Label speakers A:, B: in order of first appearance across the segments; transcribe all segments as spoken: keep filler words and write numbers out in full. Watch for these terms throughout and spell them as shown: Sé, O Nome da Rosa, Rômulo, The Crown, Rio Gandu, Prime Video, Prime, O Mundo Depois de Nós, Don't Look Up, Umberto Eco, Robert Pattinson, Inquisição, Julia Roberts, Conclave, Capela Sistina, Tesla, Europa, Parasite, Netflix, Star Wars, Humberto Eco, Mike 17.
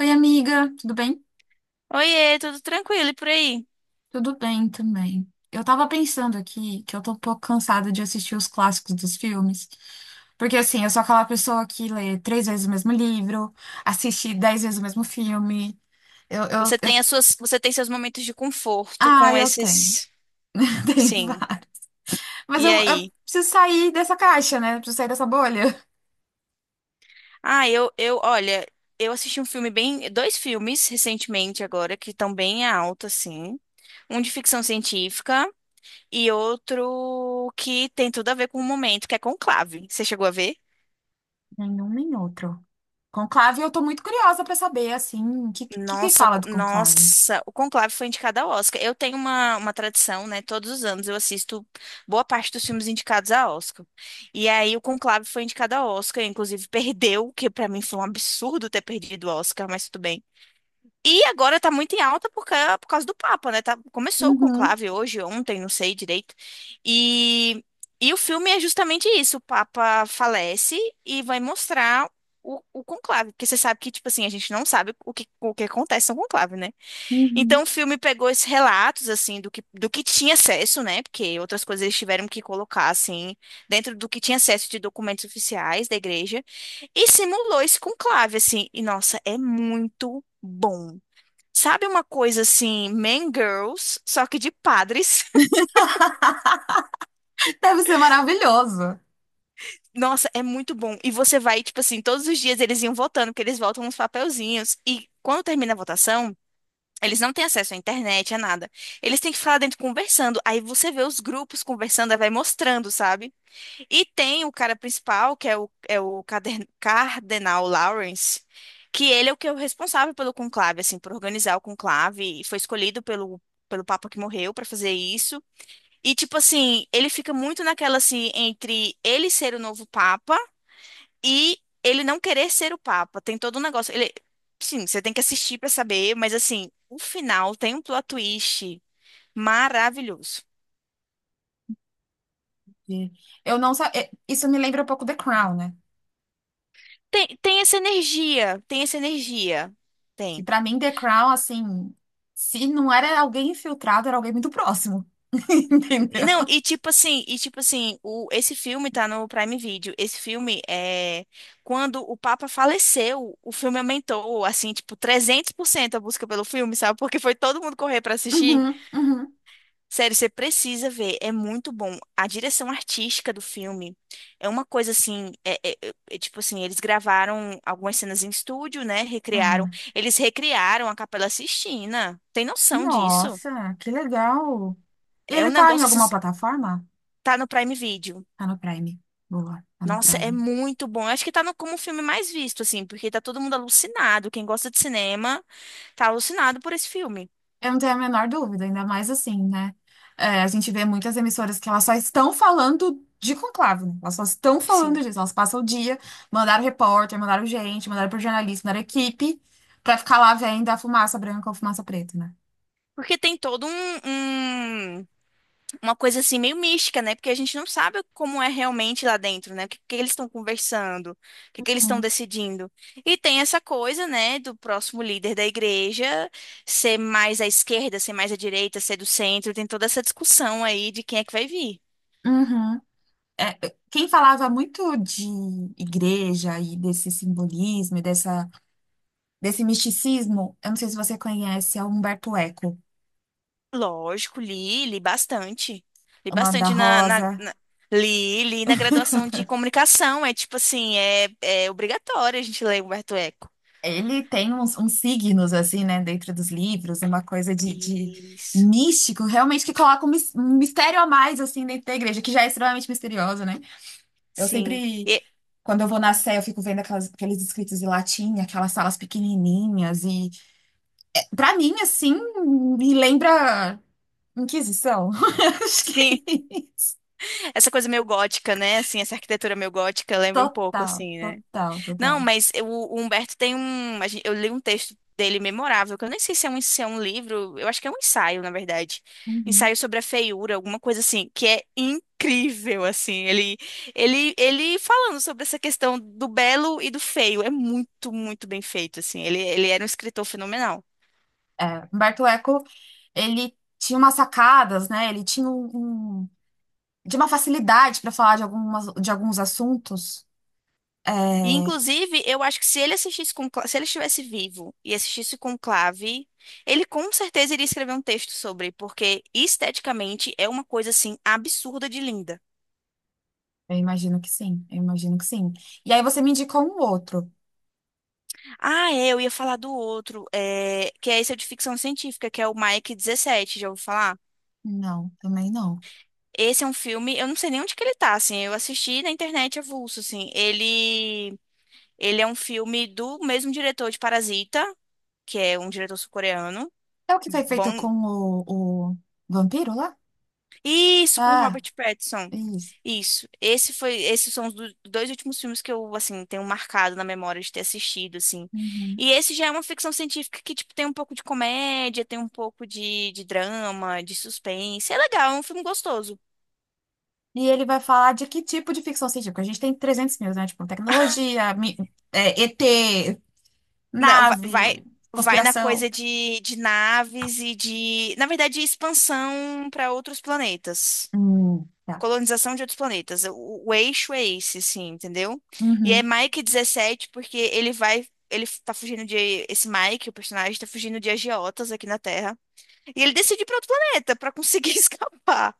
A: Oi, amiga, tudo bem?
B: Oiê, tudo tranquilo e por aí?
A: Tudo bem também. Eu tava pensando aqui que eu tô um pouco cansada de assistir os clássicos dos filmes. Porque, assim, eu sou aquela pessoa que lê três vezes o mesmo livro, assiste dez vezes o mesmo filme. Eu, eu,
B: Você
A: eu...
B: tem as suas, você tem seus momentos de conforto
A: Ah,
B: com
A: eu tenho.
B: esses,
A: Tenho
B: sim.
A: vários. Mas
B: E
A: eu, eu
B: aí?
A: preciso sair dessa caixa, né? Eu preciso sair dessa bolha.
B: Ah, eu, eu, olha, eu assisti um filme bem, dois filmes recentemente agora que estão bem alto assim. Um de ficção científica e outro que tem tudo a ver com o momento, que é Conclave. Você chegou a ver?
A: Nenhum nem outro. Conclave, eu tô muito curiosa pra saber, assim, o que, que, que
B: Nossa,
A: fala
B: co-
A: do Conclave?
B: nossa, o Conclave foi indicado ao Oscar. Eu tenho uma, uma tradição, né? Todos os anos eu assisto boa parte dos filmes indicados ao Oscar. E aí o Conclave foi indicado ao Oscar, inclusive perdeu, que pra mim foi um absurdo ter perdido o Oscar, mas tudo bem. E agora tá muito em alta por, ca- por causa do Papa, né? Tá- começou o
A: Uhum,
B: conclave hoje, ontem, não sei direito. E, e o filme é justamente isso: o Papa falece e vai mostrar o, o conclave. Porque você sabe que, tipo assim, a gente não sabe o que, o que acontece no conclave, né?
A: uhum.
B: Então o filme pegou esses relatos, assim, do que, do que tinha acesso, né? Porque outras coisas eles tiveram que colocar, assim, dentro do que tinha acesso de documentos oficiais da igreja. E simulou esse conclave, assim. E, nossa, é muito bom. Sabe uma coisa assim, Man Girls, só que de padres?
A: Deve ser maravilhoso.
B: Nossa, é muito bom. E você vai, tipo assim, todos os dias eles iam votando, porque eles votam uns papelzinhos. E quando termina a votação, eles não têm acesso à internet, a nada. Eles têm que ficar lá dentro conversando. Aí você vê os grupos conversando, aí vai mostrando, sabe? E tem o cara principal, que é o, é o Cader- Cardenal Lawrence. Que ele é o que é o responsável pelo conclave, assim, por organizar o conclave, e foi escolhido pelo, pelo Papa que morreu para fazer isso. E, tipo assim, ele fica muito naquela, assim, entre ele ser o novo Papa e ele não querer ser o Papa. Tem todo um negócio. Ele, sim, você tem que assistir pra saber, mas, assim, o final tem um plot twist maravilhoso.
A: E Eu não sa- é, Isso me lembra um pouco The Crown, né?
B: Tem, tem essa energia, tem essa energia.
A: Que
B: Tem.
A: pra mim The Crown, assim, se não era alguém infiltrado, era alguém muito próximo. Entendeu?
B: Não, e tipo assim, e tipo assim, o, esse filme tá no Prime Video. Esse filme é quando o Papa faleceu, o filme aumentou assim, tipo trezentos por cento a busca pelo filme, sabe? Porque foi todo mundo correr pra assistir.
A: Uhum, uhum.
B: Sério, você precisa ver, é muito bom. A direção artística do filme é uma coisa assim, é, é- é- é tipo assim, eles gravaram algumas cenas em estúdio, né? Recriaram,
A: Aham.
B: eles recriaram a Capela Sistina. Tem noção disso?
A: Nossa, que legal. E
B: É
A: ele
B: um
A: tá em
B: negócio assim,
A: alguma plataforma?
B: tá no Prime Video.
A: Tá no Prime. Boa, tá no
B: Nossa, é
A: Prime.
B: muito bom. Eu acho que tá no, como o filme mais visto, assim, porque tá todo mundo alucinado. Quem gosta de cinema tá alucinado por esse filme,
A: Eu não tenho a menor dúvida, ainda mais assim, né? É, a gente vê muitas emissoras que elas só estão falando de conclave, né? Elas só estão falando
B: sim.
A: disso. Elas passam o dia, mandaram repórter, mandaram gente, mandaram pro jornalista, mandaram equipe, pra ficar lá vendo a fumaça branca ou fumaça preta, né?
B: Porque tem todo um, um- uma coisa assim meio mística, né? Porque a gente não sabe como é realmente lá dentro, né? O que, que eles estão conversando, o que, que eles estão
A: Hum.
B: decidindo. E tem essa coisa, né, do próximo líder da igreja ser mais à esquerda, ser mais à direita, ser do centro. Tem toda essa discussão aí de quem é que vai vir.
A: Uhum. É, quem falava muito de igreja e desse simbolismo e dessa, desse misticismo, eu não sei se você conhece, é o Humberto Eco,
B: Lógico, li, li bastante. Li
A: O Nome da
B: bastante na, na,
A: Rosa.
B: na- li, li na graduação de comunicação. É tipo assim, é, é obrigatório a gente ler Humberto Eco.
A: Ele tem uns, uns signos, assim, né, dentro dos livros, uma coisa de, de
B: Isso.
A: místico, realmente que coloca um mis- um mistério a mais, assim, dentro da igreja, que já é extremamente misteriosa, né? Eu
B: Sim.
A: sempre,
B: E-
A: quando eu vou na Sé, eu fico vendo aquelas- aqueles escritos em latim, aquelas salas pequenininhas, e pra mim, assim, me lembra Inquisição. Acho
B: sim,
A: que
B: essa coisa meio gótica, né? Assim, essa arquitetura meio gótica lembra um pouco,
A: total,
B: assim, né?
A: total,
B: Não,
A: total.
B: mas eu- o Humberto tem um. a gen- Eu li um texto dele memorável, que eu nem sei se é um, se é um livro, eu acho que é um ensaio, na verdade.
A: Uhum.
B: Ensaio sobre a feiura, alguma coisa assim, que é incrível, assim. Ele, ele, ele falando sobre essa questão do belo e do feio. É muito, muito bem feito, assim. Ele, ele era um escritor fenomenal.
A: É, Humberto Eco, ele tinha umas sacadas, né? Ele tinha um. um de uma facilidade para falar de algumas, de alguns assuntos? É,
B: E, inclusive, eu acho que se ele assistisse com, se ele estivesse vivo e assistisse Conclave, ele com certeza iria escrever um texto sobre, porque esteticamente é uma coisa assim absurda de linda.
A: eu imagino que sim, eu imagino que sim. E aí você me indicou um outro.
B: Ah, é, eu ia falar do outro, é, que é esse é de ficção científica, que é o Mike dezessete, já ouviu falar?
A: Não, também não.
B: Esse é um filme, eu não sei nem onde que ele tá, assim, eu assisti na internet avulso, assim. Ele, ele é um filme do mesmo diretor de Parasita, que é um diretor sul-coreano.
A: É o que foi feito
B: Bom,
A: com o, o vampiro lá?
B: isso, com
A: Ah,
B: Robert Pattinson.
A: isso.
B: Isso. Esse foi, esses são os do- dois últimos filmes que eu, assim, tenho marcado na memória de ter assistido, assim.
A: Uhum.
B: E esse já é uma ficção científica que, tipo, tem um pouco de comédia, tem um pouco de, de drama, de suspense. É legal, é um filme gostoso.
A: E ele vai falar de que tipo de ficção científica? A gente tem trezentos mil, né? Tipo, tecnologia, mi- é, E T,
B: Não, va- vai,
A: nave,
B: vai, na
A: conspiração.
B: coisa de, de naves e de, na verdade, expansão para outros planetas.
A: Hum, tá.
B: Colonização de outros planetas. O, o eixo é esse, assim, entendeu? E é
A: Uhum,
B: Mike dezessete porque ele vai. Ele tá fugindo de. Esse Mike, o personagem, tá fugindo de agiotas aqui na Terra. E ele decide ir pra outro planeta pra conseguir escapar.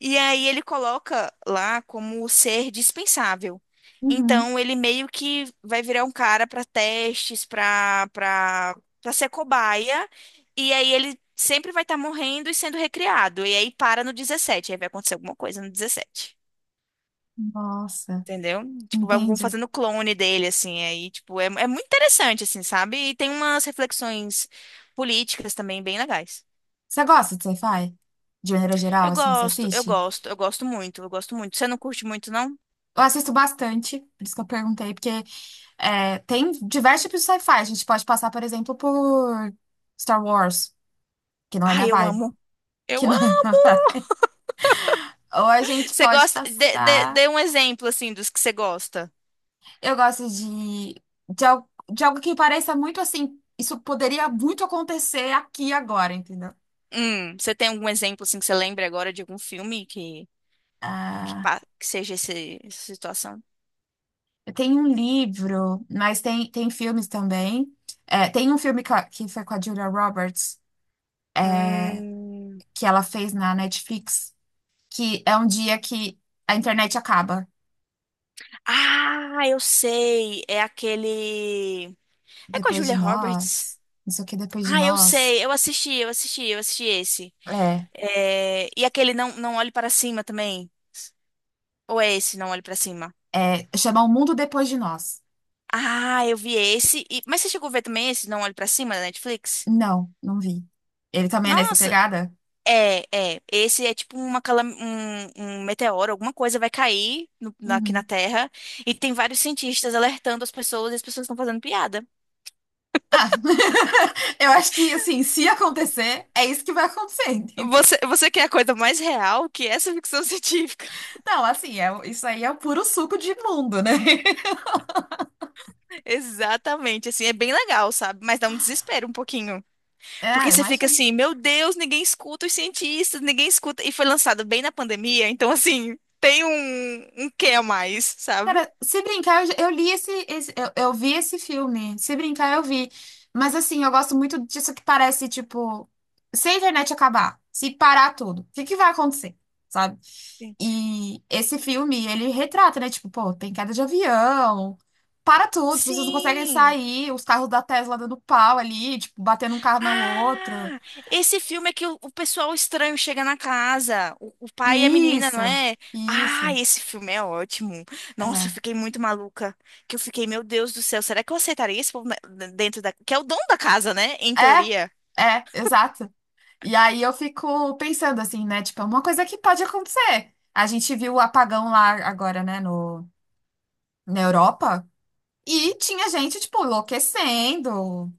B: E aí ele coloca lá como ser dispensável.
A: uhum.
B: Então ele meio que vai virar um cara pra testes, pra, pra, pra ser cobaia. E aí ele sempre vai estar morrendo e sendo recriado. E aí para no dezessete aí vai acontecer alguma coisa no dezessete.
A: Nossa,
B: Entendeu? Tipo, vão vão
A: entende?
B: fazendo clone dele, assim, aí, tipo, é, é muito interessante, assim, sabe? E tem umas reflexões políticas também bem legais.
A: Você gosta de sci-fi? De maneira geral,
B: Eu
A: assim, você
B: gosto, eu
A: assiste?
B: gosto, eu gosto muito, eu gosto muito. Você não curte muito, não?
A: Eu assisto bastante, por isso que eu perguntei, porque é, tem diversos tipos de sci-fi. A gente pode passar, por exemplo, por Star Wars, que não é minha
B: Ai, eu
A: vibe.
B: amo.
A: Que
B: Eu
A: não é minha
B: amo!
A: vibe. Ou a gente
B: Você
A: pode
B: gosta? Dê, dê,
A: passar.
B: dê um exemplo, assim, dos que você gosta.
A: Eu gosto de, de, al- de algo que pareça muito assim. Isso poderia muito acontecer aqui e agora, entendeu?
B: Hum, você tem algum exemplo, assim, que você lembra agora de algum filme que, que,
A: Ah,
B: pa- que seja esse- essa situação?
A: eu tenho um livro, mas tem, tem filmes também. É, tem um filme que, a- que foi com a Julia Roberts. É,
B: Hum.
A: que ela fez na Netflix, que é um dia que a internet acaba.
B: Ah, eu sei. É aquele. É com a
A: Depois de
B: Julia Roberts?
A: nós, não sei o que depois de
B: Ah, eu
A: nós.
B: sei, eu assisti, eu assisti, eu assisti esse.
A: É,
B: É, e aquele Não, Não Olhe Para Cima também? Ou é esse, Não Olhe Para Cima?
A: é, chama O Mundo Depois de Nós.
B: Ah, eu vi esse. e- Mas você chegou a ver também esse, Não Olhe Para Cima, da Netflix?
A: Não, não vi. Ele também é nessa
B: Nossa,
A: pegada?
B: é, é. Esse é tipo uma calam... um, um meteoro, alguma coisa vai cair no- na- aqui na
A: Uhum.
B: Terra. E tem vários cientistas alertando as pessoas e as pessoas estão fazendo piada.
A: Ah, eu acho que, assim, se acontecer, é isso que vai acontecer, entendeu?
B: Você, você quer a coisa mais real que essa ficção científica?
A: Não, assim, é, isso aí é o puro suco de mundo, né?
B: Exatamente, assim, é bem legal, sabe? Mas dá um desespero um pouquinho. Porque
A: É,
B: você fica
A: imagina.
B: assim, meu Deus, ninguém escuta os cientistas, ninguém escuta. E foi lançado bem na pandemia, então, assim, tem um, um quê a mais, sabe?
A: Cara, se brincar, eu, já- eu li esse, esse- eu, eu vi esse filme. Se brincar, eu vi. Mas assim, eu gosto muito disso que parece, tipo, se a internet acabar, se parar tudo, o que que vai acontecer? Sabe?
B: Sim.
A: E esse filme, ele retrata, né? Tipo, pô, tem queda de avião, para tudo, as pessoas não conseguem
B: Sim.
A: sair, os carros da Tesla dando pau ali, tipo, batendo um carro no outro.
B: Ah, esse filme é que o, o pessoal estranho chega na casa, o, o pai e a menina,
A: Isso,
B: não é? Ah,
A: isso.
B: esse filme é ótimo. Nossa, eu
A: É.
B: fiquei muito maluca. Que eu fiquei, meu Deus do céu, será que eu aceitaria esse povo na- dentro da. Que é o dono da casa, né? Em teoria.
A: É, é, exato. E aí eu fico pensando assim, né? Tipo, é uma coisa que pode acontecer. A gente viu o apagão lá agora, né, no, na Europa, e tinha gente, tipo, enlouquecendo.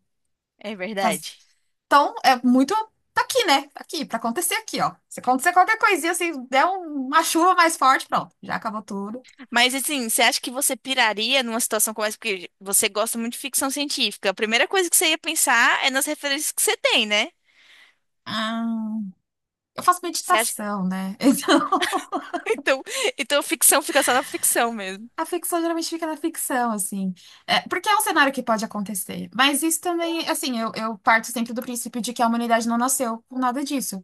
B: É
A: Faz-
B: verdade.
A: Então, é muito. Tá aqui, né? Tá aqui, pra acontecer aqui, ó. Se acontecer qualquer coisinha, assim, der um- uma chuva mais forte, pronto, já acabou tudo.
B: Mas assim, você acha que você piraria numa situação como essa? Porque você gosta muito de ficção científica. A primeira coisa que você ia pensar é nas referências que você tem, né?
A: Ah, eu faço
B: Você acha?
A: meditação, né? Então.
B: Então, então ficção fica só na ficção mesmo.
A: A ficção geralmente fica na ficção, assim. É, porque é um cenário que pode acontecer. Mas isso também, assim, eu, eu parto sempre do princípio de que a humanidade não nasceu com nada disso,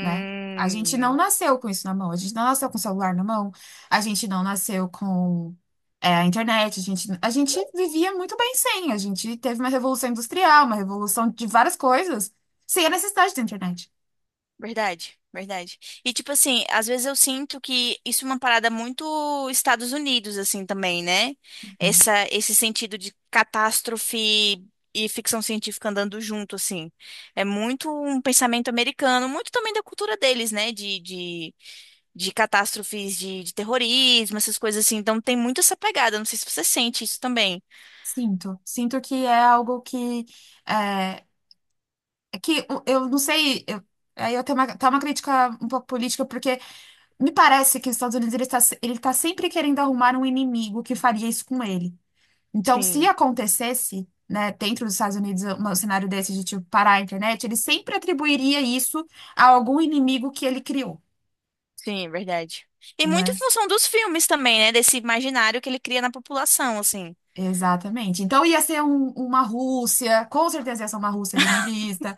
A: né? A gente não nasceu com isso na mão, a gente não nasceu com o celular na mão, a gente não nasceu com, é, a internet, a gente, a gente vivia muito bem sem, a gente teve uma revolução industrial, uma revolução de várias coisas, sem a necessidade da internet.
B: Verdade, verdade. E tipo assim, às vezes eu sinto que isso é uma parada muito Estados Unidos assim também, né? Essa esse sentido de catástrofe e ficção científica andando junto assim. É muito um pensamento americano, muito também da cultura deles, né? De, de, de catástrofes de, de terrorismo, essas coisas assim. Então tem muito essa pegada, não sei se você sente isso também.
A: Sinto, sinto que é algo que é, é que o- eu não sei, eu- aí eu tenho uma, tá uma crítica um pouco política, porque me parece que os Estados Unidos ele tá, se- ele tá sempre querendo arrumar um inimigo que faria isso com ele. Então, se
B: Sim,
A: acontecesse, né, dentro dos Estados Unidos, um cenário desse de tipo parar a internet, ele sempre atribuiria isso a algum inimigo que ele criou,
B: sim, verdade. E muito em
A: né?
B: função dos filmes também, né? Desse imaginário que ele cria na população, assim.
A: Exatamente. Então ia ser um- uma Rússia, com certeza ia ser uma Rússia ali no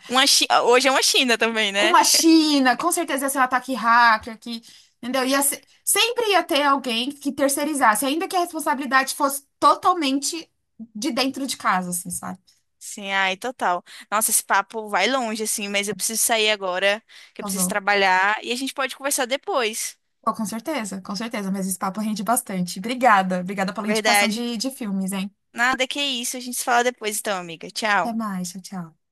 B: Uma Chi- hoje é uma China também, né?
A: uma China, com certeza ia ser um ataque hacker que, entendeu? Ia se- sempre ia ter alguém que terceirizasse, ainda que a responsabilidade fosse totalmente de dentro de casa, assim, sabe?
B: Sim, ai, total. Nossa, esse papo vai longe, assim, mas eu preciso sair agora, que eu
A: Tá
B: preciso
A: bom.
B: trabalhar, e a gente pode conversar depois.
A: Pô, com certeza, com certeza, mas esse papo rende bastante. Obrigada, obrigada pela indicação
B: Verdade.
A: de, de filmes, hein?
B: Nada que isso, a gente se fala depois, então, amiga.
A: Até
B: Tchau.
A: mais, tchau, tchau.